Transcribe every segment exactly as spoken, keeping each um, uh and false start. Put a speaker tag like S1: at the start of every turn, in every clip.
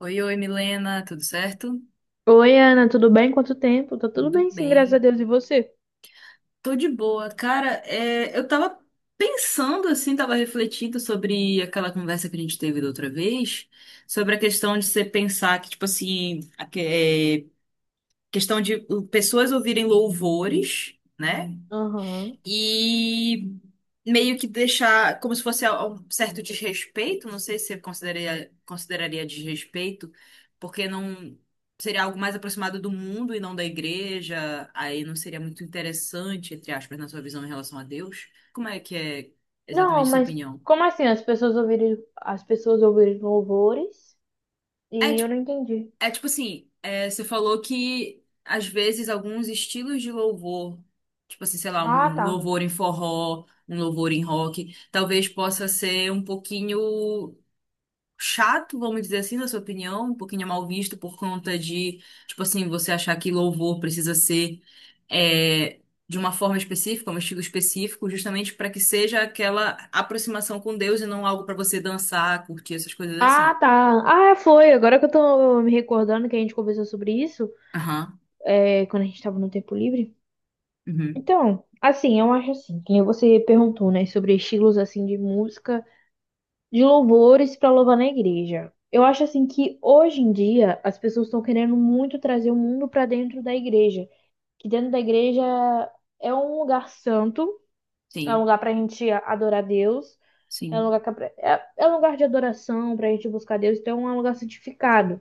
S1: Oi, oi, Milena, tudo certo?
S2: Oi, Ana, tudo bem? Quanto tempo? Tá tudo
S1: Tudo
S2: bem, sim, graças a
S1: bem.
S2: Deus. E você?
S1: Tô de boa. Cara, é, eu tava pensando assim, tava refletindo sobre aquela conversa que a gente teve da outra vez, sobre a questão de você pensar que, tipo assim, a que- é, questão de uh, pessoas ouvirem louvores, né?
S2: Aham.
S1: E meio que deixar como se fosse a- um certo desrespeito, não sei se você consideraria, consideraria desrespeito, porque não seria algo mais aproximado do mundo e não da igreja, aí não seria muito interessante, entre aspas, na sua visão em relação a Deus. Como é que é
S2: Não,
S1: exatamente a sua
S2: mas
S1: opinião?
S2: como assim? As pessoas ouviram, as pessoas ouviram louvores
S1: É
S2: e eu não entendi.
S1: É tipo assim, é, você falou que às vezes alguns estilos de louvor, tipo assim, sei lá,
S2: Ah,
S1: um
S2: tá.
S1: louvor em forró, um louvor em rock, talvez possa ser um pouquinho chato, vamos dizer assim, na sua opinião, um pouquinho mal visto por conta de, tipo assim, você achar que louvor precisa ser é, de uma forma específica, um estilo específico, justamente para que seja aquela aproximação com Deus e não algo para você dançar, curtir essas coisas
S2: Ah,
S1: assim.
S2: tá. Ah, foi. Agora que eu tô me recordando que a gente conversou sobre isso,
S1: Aham,
S2: é, quando a gente tava no tempo livre.
S1: uhum,
S2: Então, assim, eu acho assim, que nem você perguntou, né, sobre estilos assim de música de louvores para louvar na igreja. Eu acho assim que hoje em dia as pessoas estão querendo muito trazer o mundo para dentro da igreja, que dentro da igreja é um lugar santo, é um
S1: sim,
S2: lugar para a gente adorar Deus, é um
S1: sim.
S2: lugar, que é, é é um lugar de adoração para a gente buscar Deus, então é um lugar santificado.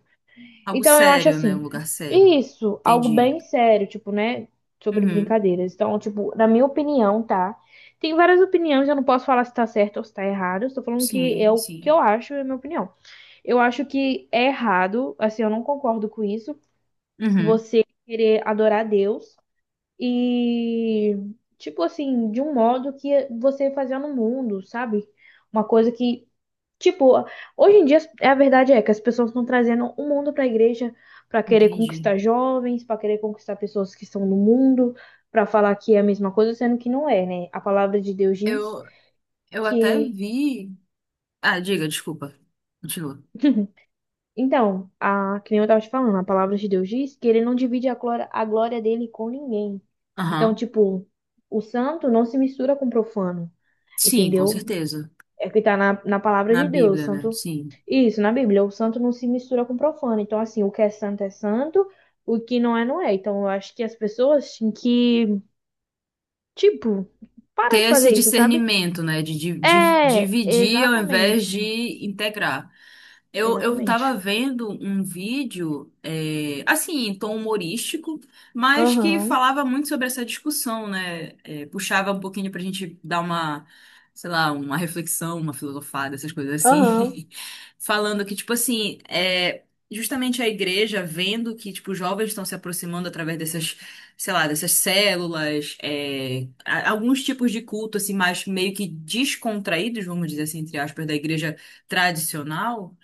S1: Algo
S2: Então eu acho
S1: sério, né? Um
S2: assim,
S1: lugar sério.
S2: isso, algo
S1: Entendi.
S2: bem sério, tipo, né? Sobre
S1: Uhum.
S2: brincadeiras. Então, tipo, na minha opinião, tá? Tem várias opiniões, eu não posso falar se tá certo ou se tá errado. Eu estou falando que é
S1: Sim,
S2: o que eu
S1: sim.
S2: acho, é a minha opinião. Eu acho que é errado, assim, eu não concordo com isso,
S1: Uhum.
S2: você querer adorar Deus e tipo assim, de um modo que você fazia no mundo, sabe? Uma coisa que tipo, hoje em dia é a verdade é que as pessoas estão trazendo o mundo para a igreja para querer
S1: Entendi.
S2: conquistar jovens, para querer conquistar pessoas que estão no mundo, para falar que é a mesma coisa, sendo que não é, né? A palavra de Deus diz
S1: Eu, eu até
S2: que
S1: vi. Ah, diga, desculpa. Continua.
S2: Então, a, que nem eu tava te falando, a palavra de Deus diz que ele não divide a glória, a glória dele com ninguém. Então,
S1: Aham.
S2: tipo, o santo não se mistura com o profano,
S1: Sim, com
S2: entendeu?
S1: certeza.
S2: É o que tá na, na palavra
S1: Na
S2: de Deus, o
S1: Bíblia, né?
S2: santo.
S1: Sim.
S2: Isso, na Bíblia, o santo não se mistura com o profano. Então, assim, o que é santo é santo, o que não é, não é. Então, eu acho que as pessoas têm que, tipo, parar de
S1: Ter
S2: fazer
S1: esse
S2: isso, sabe?
S1: discernimento, né? De, di- di-
S2: É,
S1: dividir ao invés de
S2: exatamente.
S1: integrar. Eu, eu tava
S2: Exatamente.
S1: vendo um vídeo, é, assim, em tom humorístico, mas que
S2: Aham,
S1: falava muito sobre essa discussão, né? É, puxava um pouquinho pra gente dar uma, sei lá, uma reflexão, uma filosofada, essas coisas
S2: aham,
S1: assim. Falando que, tipo assim, é, justamente a igreja vendo que, tipo, os jovens estão se aproximando através dessas, sei lá, dessas células, é, a- alguns tipos de culto, assim, mais meio que descontraídos, vamos dizer assim, entre aspas, da igreja tradicional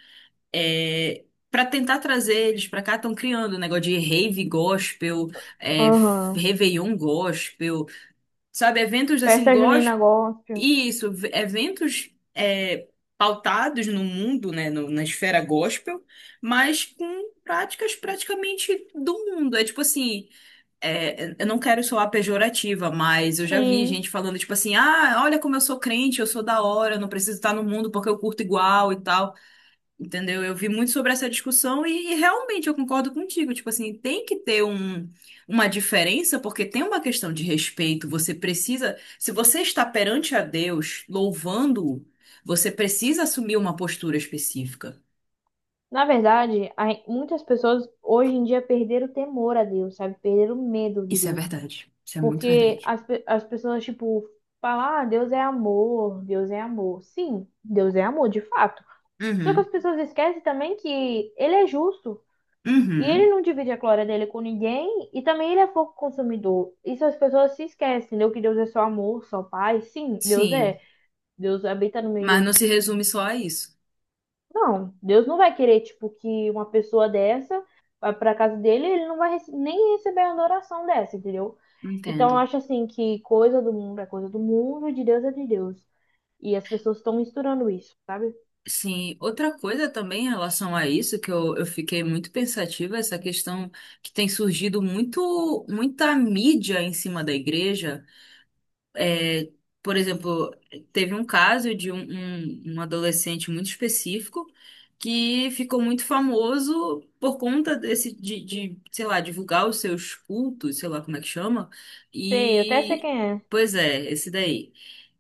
S1: é, para tentar trazer eles para cá, estão criando um negócio de rave gospel, é, f-
S2: aham.
S1: Réveillon gospel, sabe, eventos assim
S2: Festa junina
S1: gospel,
S2: gospel.
S1: e isso, v- eventos é, pautados no mundo, né, no- na esfera gospel, mas com práticas praticamente do mundo. É tipo assim, é, eu não quero soar pejorativa, mas eu já vi
S2: Sim.
S1: gente falando tipo assim, ah, olha como eu sou crente, eu sou da hora, eu não preciso estar no mundo porque eu curto igual e tal. Entendeu? Eu vi muito sobre essa discussão e, e realmente eu concordo contigo. Tipo assim, tem que ter um, uma diferença, porque tem uma questão de respeito. Você precisa, se você está perante a Deus, louvando-o, você precisa assumir uma postura específica.
S2: Na verdade, a gen- muitas pessoas hoje em dia perderam o temor a Deus, sabe? Perderam o medo de
S1: Isso é
S2: Deus.
S1: verdade. Isso é muito
S2: Porque
S1: verdade.
S2: as, pe- as pessoas, tipo, falam, ah, Deus é amor, Deus é amor. Sim, Deus é amor, de fato. Só que
S1: Uhum.
S2: as pessoas esquecem também que ele é justo. E ele
S1: Uhum.
S2: não divide a glória dele com ninguém. E também ele é fogo consumidor. Isso as pessoas se esquecem, entendeu? Que Deus é só amor, só paz. Sim, Deus é.
S1: Sim.
S2: Deus habita no
S1: Mas não
S2: meio.
S1: se resume só a isso.
S2: Não, Deus não vai querer, tipo, que uma pessoa dessa vá pra casa dele, ele não vai rece- nem receber a adoração dessa, entendeu? Então,
S1: Entendo.
S2: eu acho assim que coisa do mundo é coisa do mundo, e de Deus é de Deus. E as pessoas estão misturando isso, sabe?
S1: Sim, outra coisa também em relação a isso, que eu, eu fiquei muito pensativa, essa questão que tem surgido muito, muita mídia em cima da igreja. É, por exemplo, teve um caso de um, um, um adolescente muito específico que ficou muito famoso por conta desse, de, de, sei lá, divulgar os seus cultos, sei lá como é que chama.
S2: Sei, eu até sei
S1: E,
S2: quem é.
S1: pois é, esse daí.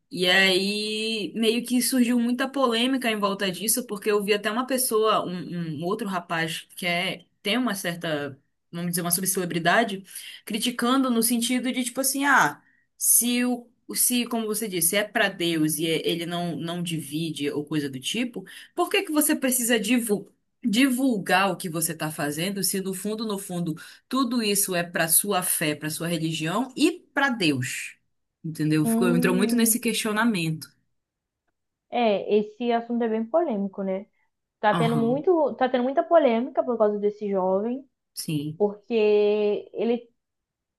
S1: E aí, meio que surgiu muita polêmica em volta disso, porque eu vi até uma pessoa, um, um outro rapaz que é, tem uma certa, vamos dizer, uma subcelebridade, criticando no sentido de, tipo assim, ah, se o Se, como você disse, é pra Deus e é- ele não, não divide ou coisa do tipo, por que que você precisa divu- divulgar o que você tá fazendo, se no fundo, no fundo, tudo isso é pra sua fé, pra sua religião e pra Deus? Entendeu? Ficou, entrou muito nesse
S2: Hum,
S1: questionamento.
S2: é, esse assunto é bem polêmico, né? Tá tendo
S1: Aham,
S2: muito, tá tendo muita polêmica por causa desse jovem,
S1: sim,
S2: porque ele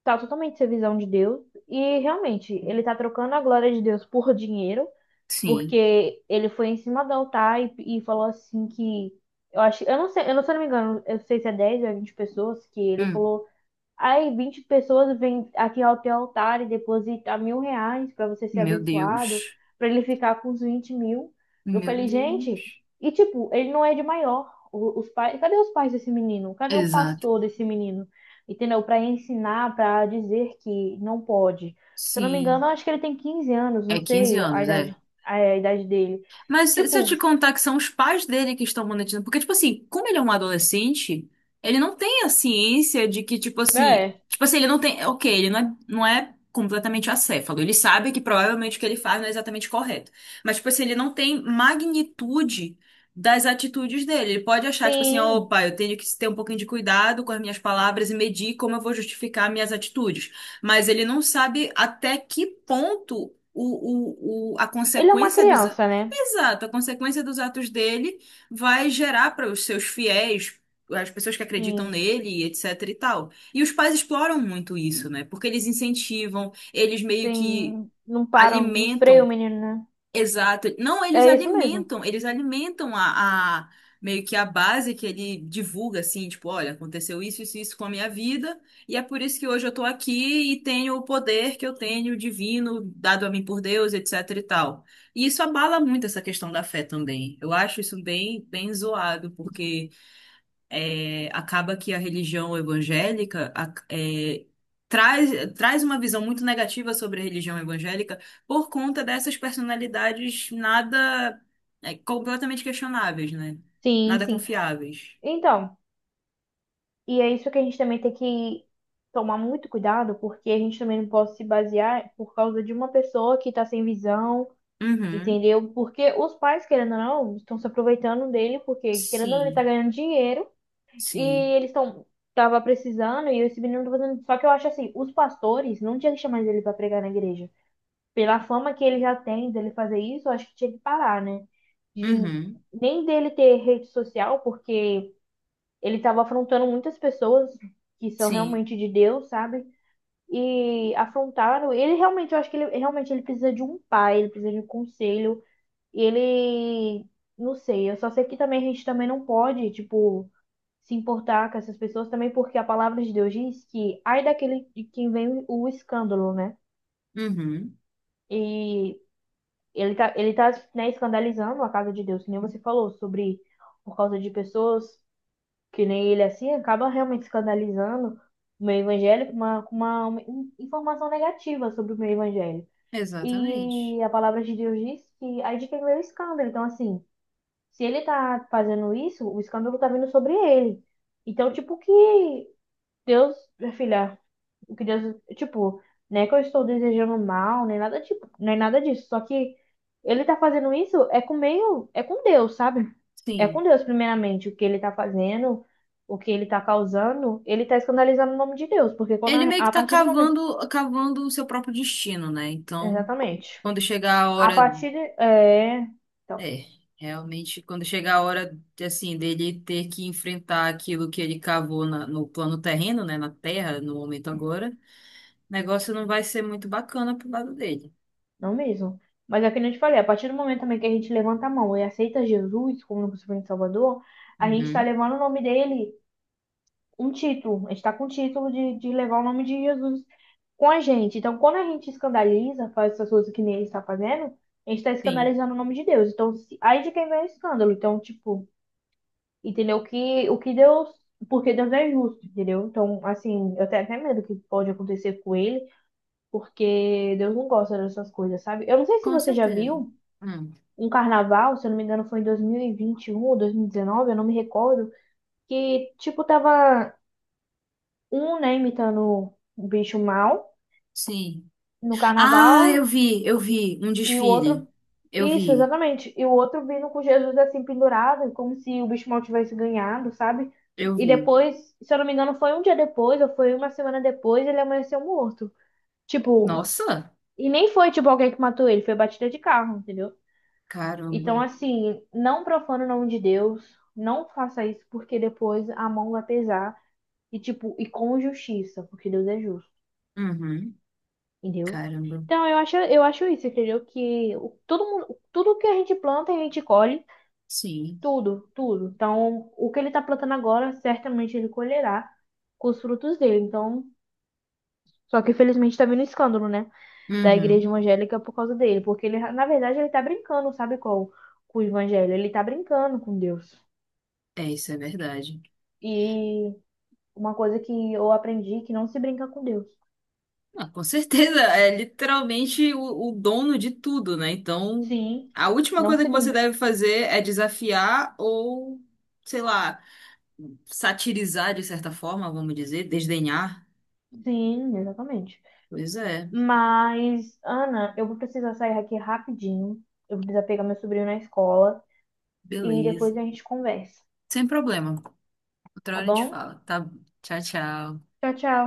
S2: tá totalmente sem visão de Deus e realmente ele tá trocando a glória de Deus por dinheiro.
S1: sim.
S2: Porque ele foi em cima do altar e, e falou assim que eu acho, eu não sei, eu não, se eu não me engano, eu não sei se é dez ou é vinte pessoas que ele
S1: Hum,
S2: falou. Aí vinte pessoas vêm aqui ao teu altar e depositam mil reais para você ser
S1: meu
S2: abençoado,
S1: Deus,
S2: para ele ficar com os vinte mil. Eu
S1: meu
S2: falei, gente,
S1: Deus.
S2: e tipo, ele não é de maior. O- Os pais, cadê os pais desse menino? Cadê o
S1: Exato.
S2: pastor desse menino? Entendeu? Para ensinar, para dizer que não pode. Se eu não me
S1: Sim,
S2: engano, eu acho que ele tem quinze anos, não
S1: é quinze
S2: sei a
S1: anos, é.
S2: idade, a idade dele.
S1: Mas se se eu
S2: Tipo,
S1: te contar que são os pais dele que estão monetizando, porque, tipo assim, como ele é um adolescente, ele não tem a ciência de que, tipo assim,
S2: é,
S1: tipo assim, ele não tem, ok, ele não é, não é completamente acéfalo, ele sabe que provavelmente o que ele faz não é exatamente correto, mas, tipo assim, ele não tem magnitude das atitudes dele, ele pode achar, tipo assim,
S2: sim.
S1: opa, eu tenho que ter um pouquinho de cuidado com as minhas palavras e medir como eu vou justificar minhas atitudes, mas ele não sabe até que ponto o, o, o- a
S2: Ele é uma
S1: consequência dos,
S2: criança, né?
S1: Exato, a consequência dos atos dele vai gerar para os seus fiéis, as pessoas que acreditam
S2: Sim,
S1: nele, etc e tal. E os pais exploram muito isso, né? Porque eles incentivam, eles meio que
S2: sim. Não param, não freia
S1: alimentam
S2: o menino, né?
S1: Exato. Não, eles
S2: É isso mesmo.
S1: alimentam, eles alimentam a, a- meio que a base que ele divulga, assim, tipo, olha, aconteceu isso, isso, isso com a minha vida, e é por isso que hoje eu tô aqui e tenho o poder que eu tenho, divino, dado a mim por Deus, etc e tal. E isso abala muito essa questão da fé também. Eu acho isso bem, bem zoado, porque é, acaba que a religião evangélica a- é, traz, traz uma visão muito negativa sobre a religião evangélica por conta dessas personalidades nada é, completamente questionáveis, né?
S2: Sim,
S1: Nada
S2: sim.
S1: confiáveis.
S2: Então, e é isso que a gente também tem que tomar muito cuidado, porque a gente também não pode se basear por causa de uma pessoa que tá sem visão,
S1: Uhum.
S2: entendeu? Porque os pais, querendo ou não, estão se aproveitando dele, porque querendo ou não, ele tá
S1: Sim,
S2: ganhando dinheiro e
S1: sim.
S2: eles estão tava precisando e esse menino tá fazendo. Só que eu acho assim, os pastores não tinha que chamar ele pra pregar na igreja. Pela fama que ele já tem dele fazer isso, eu acho que tinha que parar, né? De
S1: Uhum.
S2: nem dele ter rede social, porque ele estava afrontando muitas pessoas que são
S1: Sim.
S2: realmente de Deus, sabe? E afrontaram. Ele realmente, eu acho que ele realmente ele precisa de um pai, ele precisa de um conselho. E ele, não sei, eu só sei que também a gente também não pode, tipo, se importar com essas pessoas também, porque a palavra de Deus diz que ai daquele de quem vem o escândalo, né?
S1: Uhum.
S2: E ele tá, ele tá, né, escandalizando a casa de Deus, que nem você falou, sobre por causa de pessoas que nem ele assim, acaba realmente escandalizando o meio evangélico, com uma, com uma, uma in- informação negativa sobre o meio evangélico.
S1: Exatamente.
S2: E a palavra de Deus diz que aí de quem veio o escândalo. Então, assim, se ele tá fazendo isso, o escândalo tá vindo sobre ele. Então, tipo, que Deus, minha filha, o que Deus, tipo, não é que eu estou desejando mal, nem nada, tipo, nem nada disso. Só que ele tá fazendo isso é com meio, é com Deus, sabe? É com
S1: Sim.
S2: Deus, primeiramente, o que ele tá fazendo, o que ele tá causando, ele tá escandalizando o nome de Deus, porque quando
S1: Ele
S2: a,
S1: meio que
S2: a
S1: tá
S2: partir do momento,
S1: cavando, cavando o seu próprio destino, né? Então,
S2: exatamente.
S1: quando chegar a
S2: A
S1: hora
S2: partir de, é, então,
S1: É, realmente, quando chega a hora, assim, dele ter que enfrentar aquilo que ele cavou na- no plano terreno, né, na terra, no momento agora, o negócio não vai ser muito bacana pro lado dele.
S2: não mesmo. Mas é que nem eu te falei, a partir do momento também que a gente levanta a mão e aceita Jesus como nosso Senhor e Salvador, a gente tá
S1: Uhum.
S2: levando o nome dele um título. A gente está com o título de, de levar o nome de Jesus com a gente. Então, quando a gente escandaliza, faz essas coisas que nem ele está fazendo, a gente está
S1: Sim,
S2: escandalizando o nome de Deus. Então, se- aí de quem vem o escândalo. Então, tipo, entendeu? Que, o que Deus. Porque Deus é justo, entendeu? Então, assim, eu tenho até medo que pode acontecer com ele, porque Deus não gosta dessas coisas, sabe? Eu não sei se
S1: com
S2: você já
S1: certeza.
S2: viu
S1: Hum,
S2: um carnaval, se eu não me engano, foi em dois mil e vinte e um ou dois mil e dezenove, eu não me recordo, que, tipo, tava um, né, imitando o bicho mal
S1: sim.
S2: no
S1: Ah, eu
S2: carnaval,
S1: vi, eu vi um
S2: e o outro.
S1: desfile. Eu
S2: Isso,
S1: vi,
S2: exatamente. E o outro vindo com Jesus assim pendurado, como se o bicho mal tivesse ganhado, sabe?
S1: eu
S2: E
S1: vi.
S2: depois, se eu não me engano, foi um dia depois, ou foi uma semana depois, ele amanheceu morto. Tipo,
S1: Nossa,
S2: e nem foi tipo alguém que matou ele, foi batida de carro, entendeu?
S1: caramba.
S2: Então, assim, não profana o nome de Deus, não faça isso, porque depois a mão vai pesar. E, tipo, e com justiça, porque Deus é justo.
S1: Uhum,
S2: Entendeu?
S1: caramba.
S2: Então, eu acho, eu acho isso, entendeu? Que o- todo mundo, tudo que a gente planta, a gente colhe,
S1: Sim.
S2: tudo, tudo. Então, o que ele tá plantando agora, certamente ele colherá com os frutos dele. Então, só que infelizmente tá vindo escândalo, né? Da igreja
S1: Uhum.
S2: evangélica por causa dele, porque ele, na verdade, ele tá brincando, sabe qual? Com o evangelho, ele tá brincando com Deus.
S1: É, isso é verdade.
S2: E uma coisa que eu aprendi é que não se brinca com Deus.
S1: Não, com certeza, é literalmente o, o dono de tudo, né? Então,
S2: Sim,
S1: a última
S2: não
S1: coisa
S2: se
S1: que você
S2: brinca.
S1: deve fazer é desafiar ou, sei lá, satirizar de certa forma, vamos dizer, desdenhar.
S2: Sim, exatamente.
S1: Pois é,
S2: Mas, Ana, eu vou precisar sair aqui rapidinho. Eu vou precisar pegar meu sobrinho na escola e
S1: beleza.
S2: depois a gente conversa,
S1: Sem problema. Outra
S2: tá
S1: hora a gente
S2: bom?
S1: fala, tá? Tchau, tchau.
S2: Tchau, tchau.